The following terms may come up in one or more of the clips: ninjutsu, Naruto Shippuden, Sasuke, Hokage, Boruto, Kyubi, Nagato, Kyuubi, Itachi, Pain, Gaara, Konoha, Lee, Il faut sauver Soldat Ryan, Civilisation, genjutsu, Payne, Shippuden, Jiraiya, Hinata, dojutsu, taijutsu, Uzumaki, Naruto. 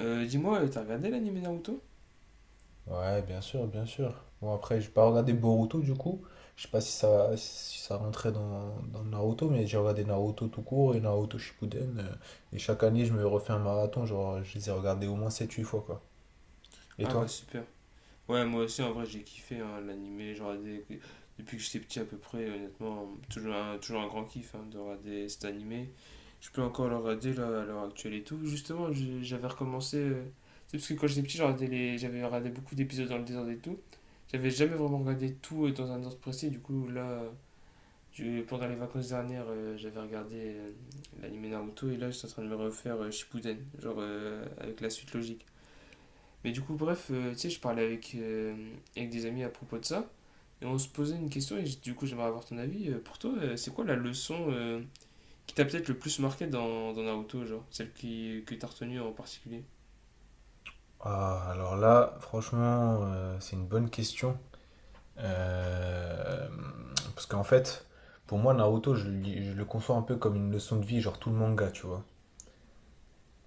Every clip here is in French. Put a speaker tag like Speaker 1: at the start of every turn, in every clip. Speaker 1: T'as regardé l'anime Naruto?
Speaker 2: Ouais, bien sûr, bien sûr. Bon, après, j'ai pas regardé Boruto du coup. Je sais pas si ça, si ça rentrait dans Naruto, mais j'ai regardé Naruto tout court et Naruto Shippuden. Et chaque année, je me refais un marathon. Genre, je les ai regardés au moins sept huit fois, quoi. Et
Speaker 1: Ah bah
Speaker 2: toi?
Speaker 1: super. Ouais, moi aussi en vrai j'ai kiffé hein, l'anime, j'ai regardé depuis que j'étais petit à peu près, honnêtement, toujours un grand kiff hein, de regarder cet anime. Je peux encore le regarder là, à l'heure actuelle et tout. Justement, j'avais recommencé, c'est parce que quand j'étais petit, j'avais regardé beaucoup d'épisodes dans le désordre et tout. J'avais jamais vraiment regardé tout dans un ordre précis, du coup là, pendant les vacances dernières, j'avais regardé l'anime Naruto et là je suis en train de me refaire Shippuden, genre avec la suite logique. Mais du coup, bref, tu sais, je parlais avec, avec des amis à propos de ça, et on se posait une question, et du coup, j'aimerais avoir ton avis. Pour toi, c'est quoi la leçon qui t'a peut-être le plus marqué dans Naruto, genre, que t'as retenue en particulier?
Speaker 2: Ah, alors là, franchement, c'est une bonne question. Euh, Parce qu'en fait, pour moi, Naruto, je le conçois un peu comme une leçon de vie, genre tout le manga, tu vois.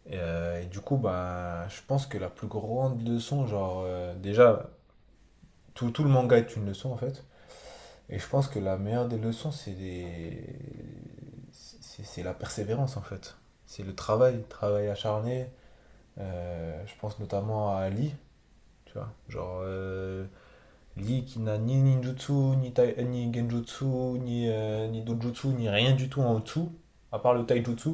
Speaker 2: Et du coup, bah, je pense que la plus grande leçon, déjà, tout le manga est une leçon en fait. Et je pense que la meilleure des leçons, c'est la persévérance en fait. C'est le travail acharné. Je pense notamment à Lee, tu vois. Lee qui n'a ni ninjutsu, ni genjutsu, ni dojutsu, ni rien du tout en dessous, à part le taijutsu.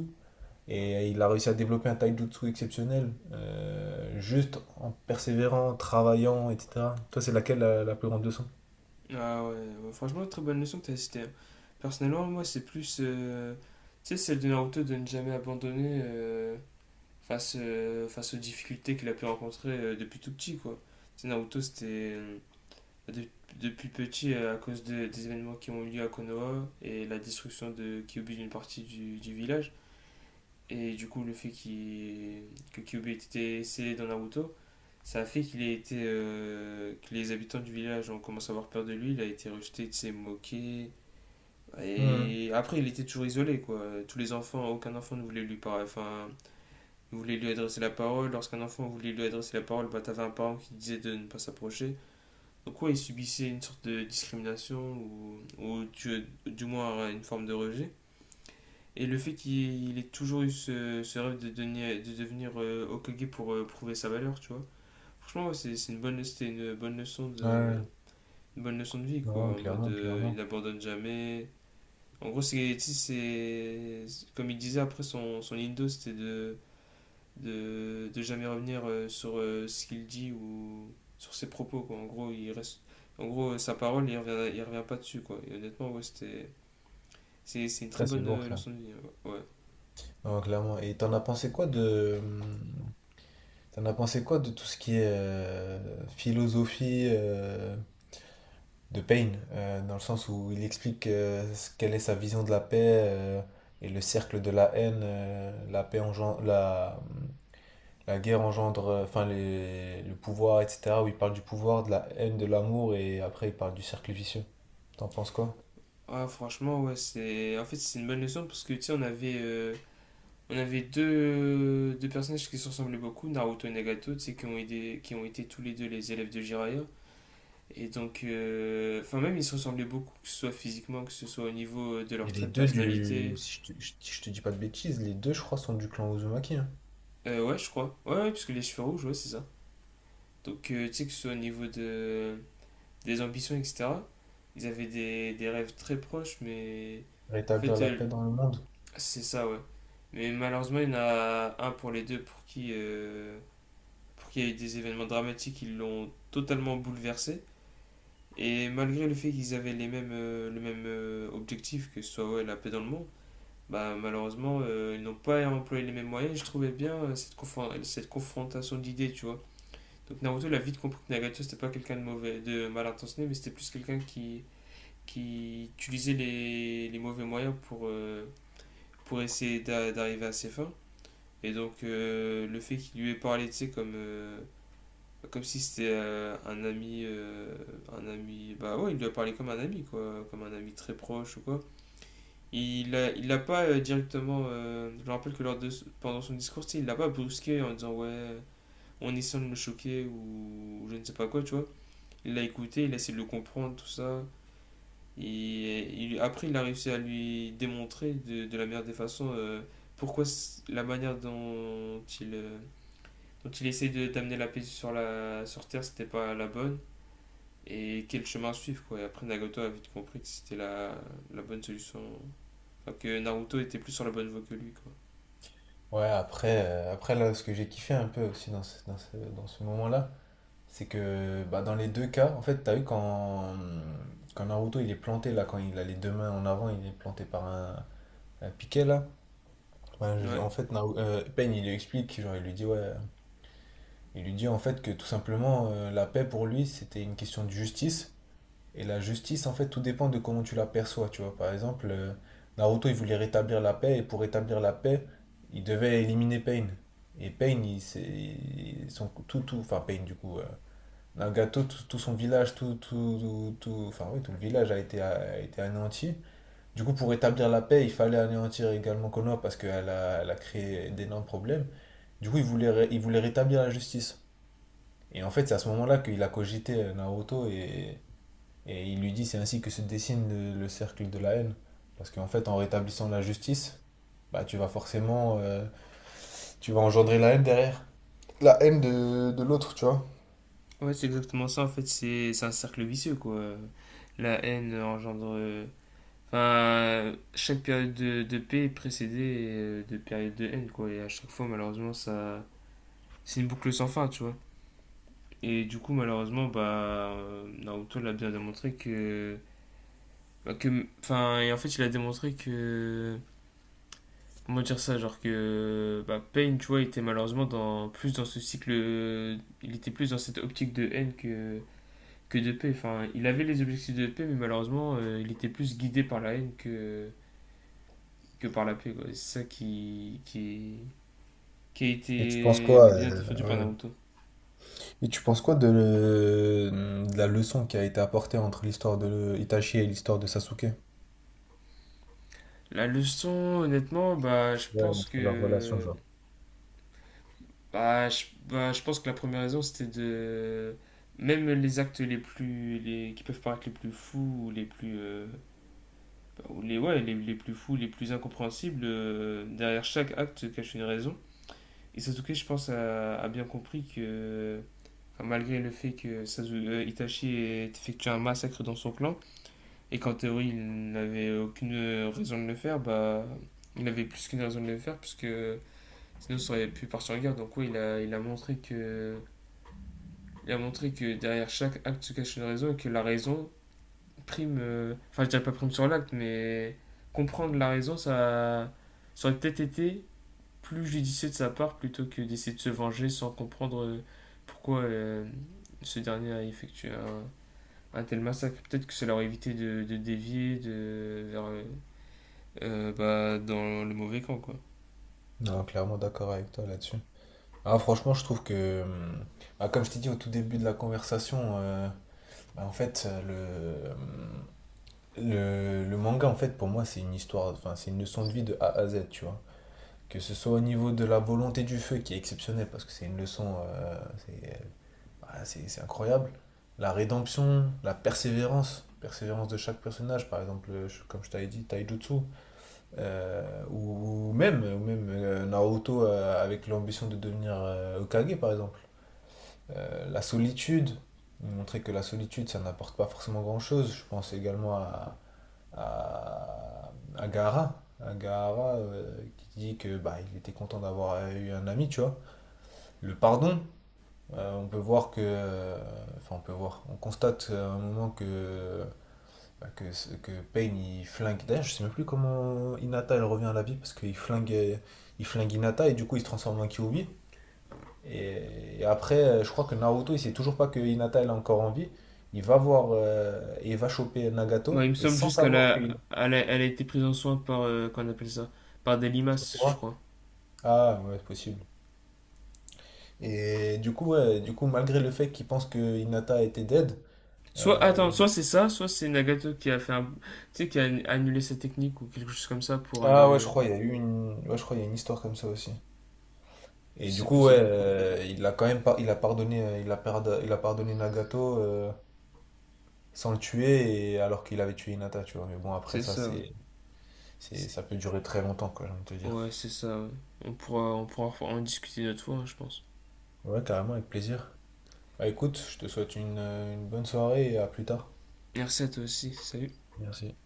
Speaker 2: Et il a réussi à développer un taijutsu exceptionnel, juste en persévérant, travaillant, etc. Toi, c'est laquelle la plus grande leçon?
Speaker 1: Ah ouais, ouais, franchement, très bonne leçon que t'as citée, hein. Personnellement, moi, c'est plus, tu sais, celle de Naruto de ne jamais abandonner face aux difficultés qu'il a pu rencontrer depuis tout petit, quoi. Tu sais, Naruto, c'était de- depuis petit à cause des événements qui ont eu lieu à Konoha et la destruction de Kyubi d'une partie du village. Et du coup, que Kyubi ait été scellé dans Naruto, ça a fait qu'il ait été, que les habitants du village ont commencé à avoir peur de lui. Il a été rejeté, il s'est moqué.
Speaker 2: Hmm.
Speaker 1: Et après, il était toujours isolé, quoi. Tous les enfants, aucun enfant ne voulait lui parler. Enfin, voulait lui adresser la parole. Lorsqu'un enfant voulait lui adresser la parole, bah, t'avais un parent qui disait de ne pas s'approcher, quoi. Ils subissaient une sorte de discrimination ou du moins une forme de rejet. Et le fait qu'il ait toujours eu ce, ce rêve de, de devenir Hokage pour prouver sa valeur, tu vois. Franchement, ouais, c'était une bonne leçon de,
Speaker 2: Ouais,
Speaker 1: une bonne leçon de vie,
Speaker 2: non,
Speaker 1: quoi. En mode,
Speaker 2: clairement,
Speaker 1: il
Speaker 2: clairement.
Speaker 1: n'abandonne jamais. En gros, comme il disait après son, son Indo, c'était de jamais revenir sur ce qu'il dit ou sur ses propos, quoi. En gros, il reste, en gros, sa parole, il revient pas dessus, quoi. Et honnêtement, ouais, c'est une très
Speaker 2: Ça c'est
Speaker 1: bonne
Speaker 2: lourd ça.
Speaker 1: leçon de vie, ouais. Ouais.
Speaker 2: Non, clairement. Et t'en as pensé quoi t'en as pensé quoi de tout ce qui est philosophie de Payne, dans le sens où il explique quelle est sa vision de la paix, et le cercle de la haine, la paix engendre, la, hmm, la guerre engendre, le pouvoir, etc. Où il parle du pouvoir, de la haine, de l'amour, et après il parle du cercle vicieux. T'en penses quoi?
Speaker 1: Ah, franchement, ouais, c'est une bonne leçon parce que, tu sais, on avait deux personnages qui se ressemblaient beaucoup, Naruto et Nagato, tu sais, qui ont été tous les deux les élèves de Jiraiya. Et donc, enfin, même ils se ressemblaient beaucoup, que ce soit physiquement, que ce soit au niveau de
Speaker 2: Et
Speaker 1: leur
Speaker 2: les
Speaker 1: trait de
Speaker 2: deux du...
Speaker 1: personnalité.
Speaker 2: Si je si je te dis pas de bêtises, les deux, je crois, sont du clan Uzumaki, hein.
Speaker 1: Ouais, je crois. Ouais, ouais, parce que les cheveux rouges, ouais, c'est ça. Donc, tu sais, que ce soit au niveau de... des ambitions, etc. Ils avaient des rêves très proches, mais en
Speaker 2: Rétablir
Speaker 1: fait,
Speaker 2: la paix dans le monde.
Speaker 1: c'est ça, ouais. Mais malheureusement, il y en a un pour les deux pour qui il y a eu des événements dramatiques qui l'ont totalement bouleversé. Et malgré le fait qu'ils avaient les mêmes, le même objectif, que ce soit ouais, la paix dans le monde, bah, malheureusement, ils n'ont pas employé les mêmes moyens. Je trouvais bien cette confrontation d'idées, tu vois. Donc Naruto l'a vite compris que Nagato c'était pas quelqu'un de mauvais, de mal intentionné, mais c'était plus quelqu'un qui utilisait les mauvais moyens pour essayer d'arriver à ses fins. Et donc le fait qu'il lui ait parlé, tu sais, comme, comme si c'était un ami, bah ouais, il lui a parlé comme un ami, quoi, comme un ami très proche ou quoi. Il l'a pas directement, je me rappelle que lors de, pendant son discours, tu sais, il l'a pas brusqué en disant ouais, en essayant de me choquer ou je ne sais pas quoi, tu vois. Il l'a écouté, il a essayé de le comprendre, tout ça. Après, il a réussi à lui démontrer de la meilleure des façons pourquoi la manière dont il, dont il essayait d'amener la paix sur Terre, c'était pas la bonne. Et quel chemin suivre, quoi. Et après, Nagato a vite compris que c'était la, la bonne solution. Enfin, que Naruto était plus sur la bonne voie que lui, quoi.
Speaker 2: Ouais, après, là, ce que j'ai kiffé un peu aussi dans ce moment-là, c'est que bah, dans les deux cas, en fait, t'as vu quand, quand Naruto il est planté, là, quand il a les deux mains en avant, il est planté par un piquet, là.
Speaker 1: Ouais,
Speaker 2: En fait, Pain, il lui explique, genre, il lui dit, ouais, il lui dit en fait que tout simplement, la paix pour lui, c'était une question de justice. Et la justice, en fait, tout dépend de comment tu la perçois, tu vois. Par exemple, Naruto, il voulait rétablir la paix, et pour rétablir la paix, il devait éliminer Pain. Et Pain, il, s'est- il- son, tout, tout, enfin Pain, du coup, Nagato, tout, tout son village, tout, tout, tout, tout- enfin oui, tout le village a été anéanti. Du coup, pour rétablir la paix, il fallait anéantir également Konoha parce qu'elle elle a créé d'énormes problèmes. Du coup, il voulait rétablir la justice. Et en fait, c'est à ce moment-là qu'il a cogité Naruto, et il lui dit c'est ainsi que se dessine le cercle de la haine. Parce qu'en fait, en rétablissant la justice, bah, tu vas forcément tu vas engendrer la haine derrière. La haine de l'autre, tu vois.
Speaker 1: ouais c'est exactement ça, en fait. C'est un cercle vicieux, quoi. La haine engendre enfin, chaque période de paix est précédée de période de haine, quoi. Et à chaque fois, malheureusement, ça, c'est une boucle sans fin, tu vois. Et du coup, malheureusement, bah, Naruto l'a bien démontré que, bah, que, enfin, et en fait, il a démontré que, comment dire ça, genre que, bah, Pain, tu vois, était malheureusement dans ce cycle, il était plus dans cette optique de haine que de paix. Enfin, il avait les objectifs de paix, mais malheureusement, il était plus guidé par la haine que par la paix, quoi. Et c'est ça qui a
Speaker 2: Et tu penses
Speaker 1: été
Speaker 2: quoi,
Speaker 1: bien défendu par
Speaker 2: ouais.
Speaker 1: Naruto.
Speaker 2: Et tu penses quoi de, de la leçon qui a été apportée entre l'histoire de Itachi et l'histoire de Sasuke?
Speaker 1: La leçon, honnêtement, bah, je
Speaker 2: Ouais,
Speaker 1: pense
Speaker 2: entre leur relation
Speaker 1: que
Speaker 2: genre.
Speaker 1: bah, bah, je pense que la première raison, c'était de même les actes qui peuvent paraître les plus fous ou les plus bah, ou les ouais les plus fous les plus incompréhensibles derrière chaque acte se cache une raison et Sasuke je pense a bien compris que enfin, malgré le fait que Itachi ait effectué un massacre dans son clan. Et quand théorie, il n'avait aucune raison de le faire, bah, il avait plus qu'une raison de le faire, puisque sinon ça aurait pu partir en guerre. Donc, oui, il a montré que. Il a montré que derrière chaque acte se cache une raison et que la raison prime. Enfin, je dirais pas prime sur l'acte, mais comprendre la raison, ça aurait peut-être été plus judicieux de sa part plutôt que d'essayer de se venger sans comprendre pourquoi ce dernier a effectué un tel massacre. Peut-être que ça leur aurait évité de, vers bah, dans le mauvais camp, quoi.
Speaker 2: Non, clairement d'accord avec toi là-dessus. Ah, franchement, je trouve que, bah, comme je t'ai dit au tout début de la conversation, bah, en fait, le manga, en fait, pour moi, c'est une histoire, enfin, c'est une leçon de vie de A à Z, tu vois. Que ce soit au niveau de la volonté du feu, qui est exceptionnelle, parce que c'est une leçon, c'est euh, c'est incroyable. La rédemption, persévérance de chaque personnage, par exemple, comme je t'avais dit, Taijutsu, ou même Naruto avec l'ambition de devenir Hokage, par exemple. Euh, la solitude, Montrer que la solitude, ça n'apporte pas forcément grand-chose. Je pense également à, à Gaara. À Gaara, qui dit que bah, il était content d'avoir eu un ami, tu vois. Le pardon, on peut voir que, on peut voir, on constate à un moment que que Payne il flingue. D'ailleurs, je sais même plus comment Hinata elle revient à la vie parce qu'il flingue, il flingue Hinata, et du coup il se transforme en Kyuubi. Et après, je crois que Naruto il sait toujours pas que Hinata elle est encore en vie. Il va voir et il va choper
Speaker 1: Bah, il
Speaker 2: Nagato
Speaker 1: me
Speaker 2: et
Speaker 1: semble
Speaker 2: sans
Speaker 1: juste qu'elle
Speaker 2: savoir que...
Speaker 1: a, elle a, elle a été prise en soin par, qu'on appelle ça, par des limaces, je crois.
Speaker 2: Ah ouais, c'est possible. Et du coup, ouais, du coup, malgré le fait qu'il pense que Hinata était dead,
Speaker 1: Soit,
Speaker 2: euh,
Speaker 1: attends,
Speaker 2: il a-
Speaker 1: soit c'est ça, soit c'est Nagato qui a fait un, tu sais, qui a annulé sa technique ou quelque chose comme ça pour aller,
Speaker 2: Ah ouais, je crois, il y a eu une... Ouais, je crois, il y a une histoire comme ça aussi.
Speaker 1: je
Speaker 2: Et du
Speaker 1: sais plus
Speaker 2: coup,
Speaker 1: c'est
Speaker 2: ouais,
Speaker 1: quoi.
Speaker 2: il a pardonné, il a pardonné Nagato, sans le tuer, et... alors qu'il avait tué Hinata, tu vois. Mais bon, après
Speaker 1: C'est
Speaker 2: ça,
Speaker 1: ça, ouais. C'est-
Speaker 2: ça peut durer très longtemps, quoi, j'ai envie de te dire.
Speaker 1: Ouais, c'est ça, ouais. On pourra en discuter une autre fois, hein, je pense.
Speaker 2: Ouais, carrément, avec plaisir. Bah écoute, je te souhaite une bonne soirée, et à plus tard.
Speaker 1: Merci à toi aussi, salut.
Speaker 2: Merci.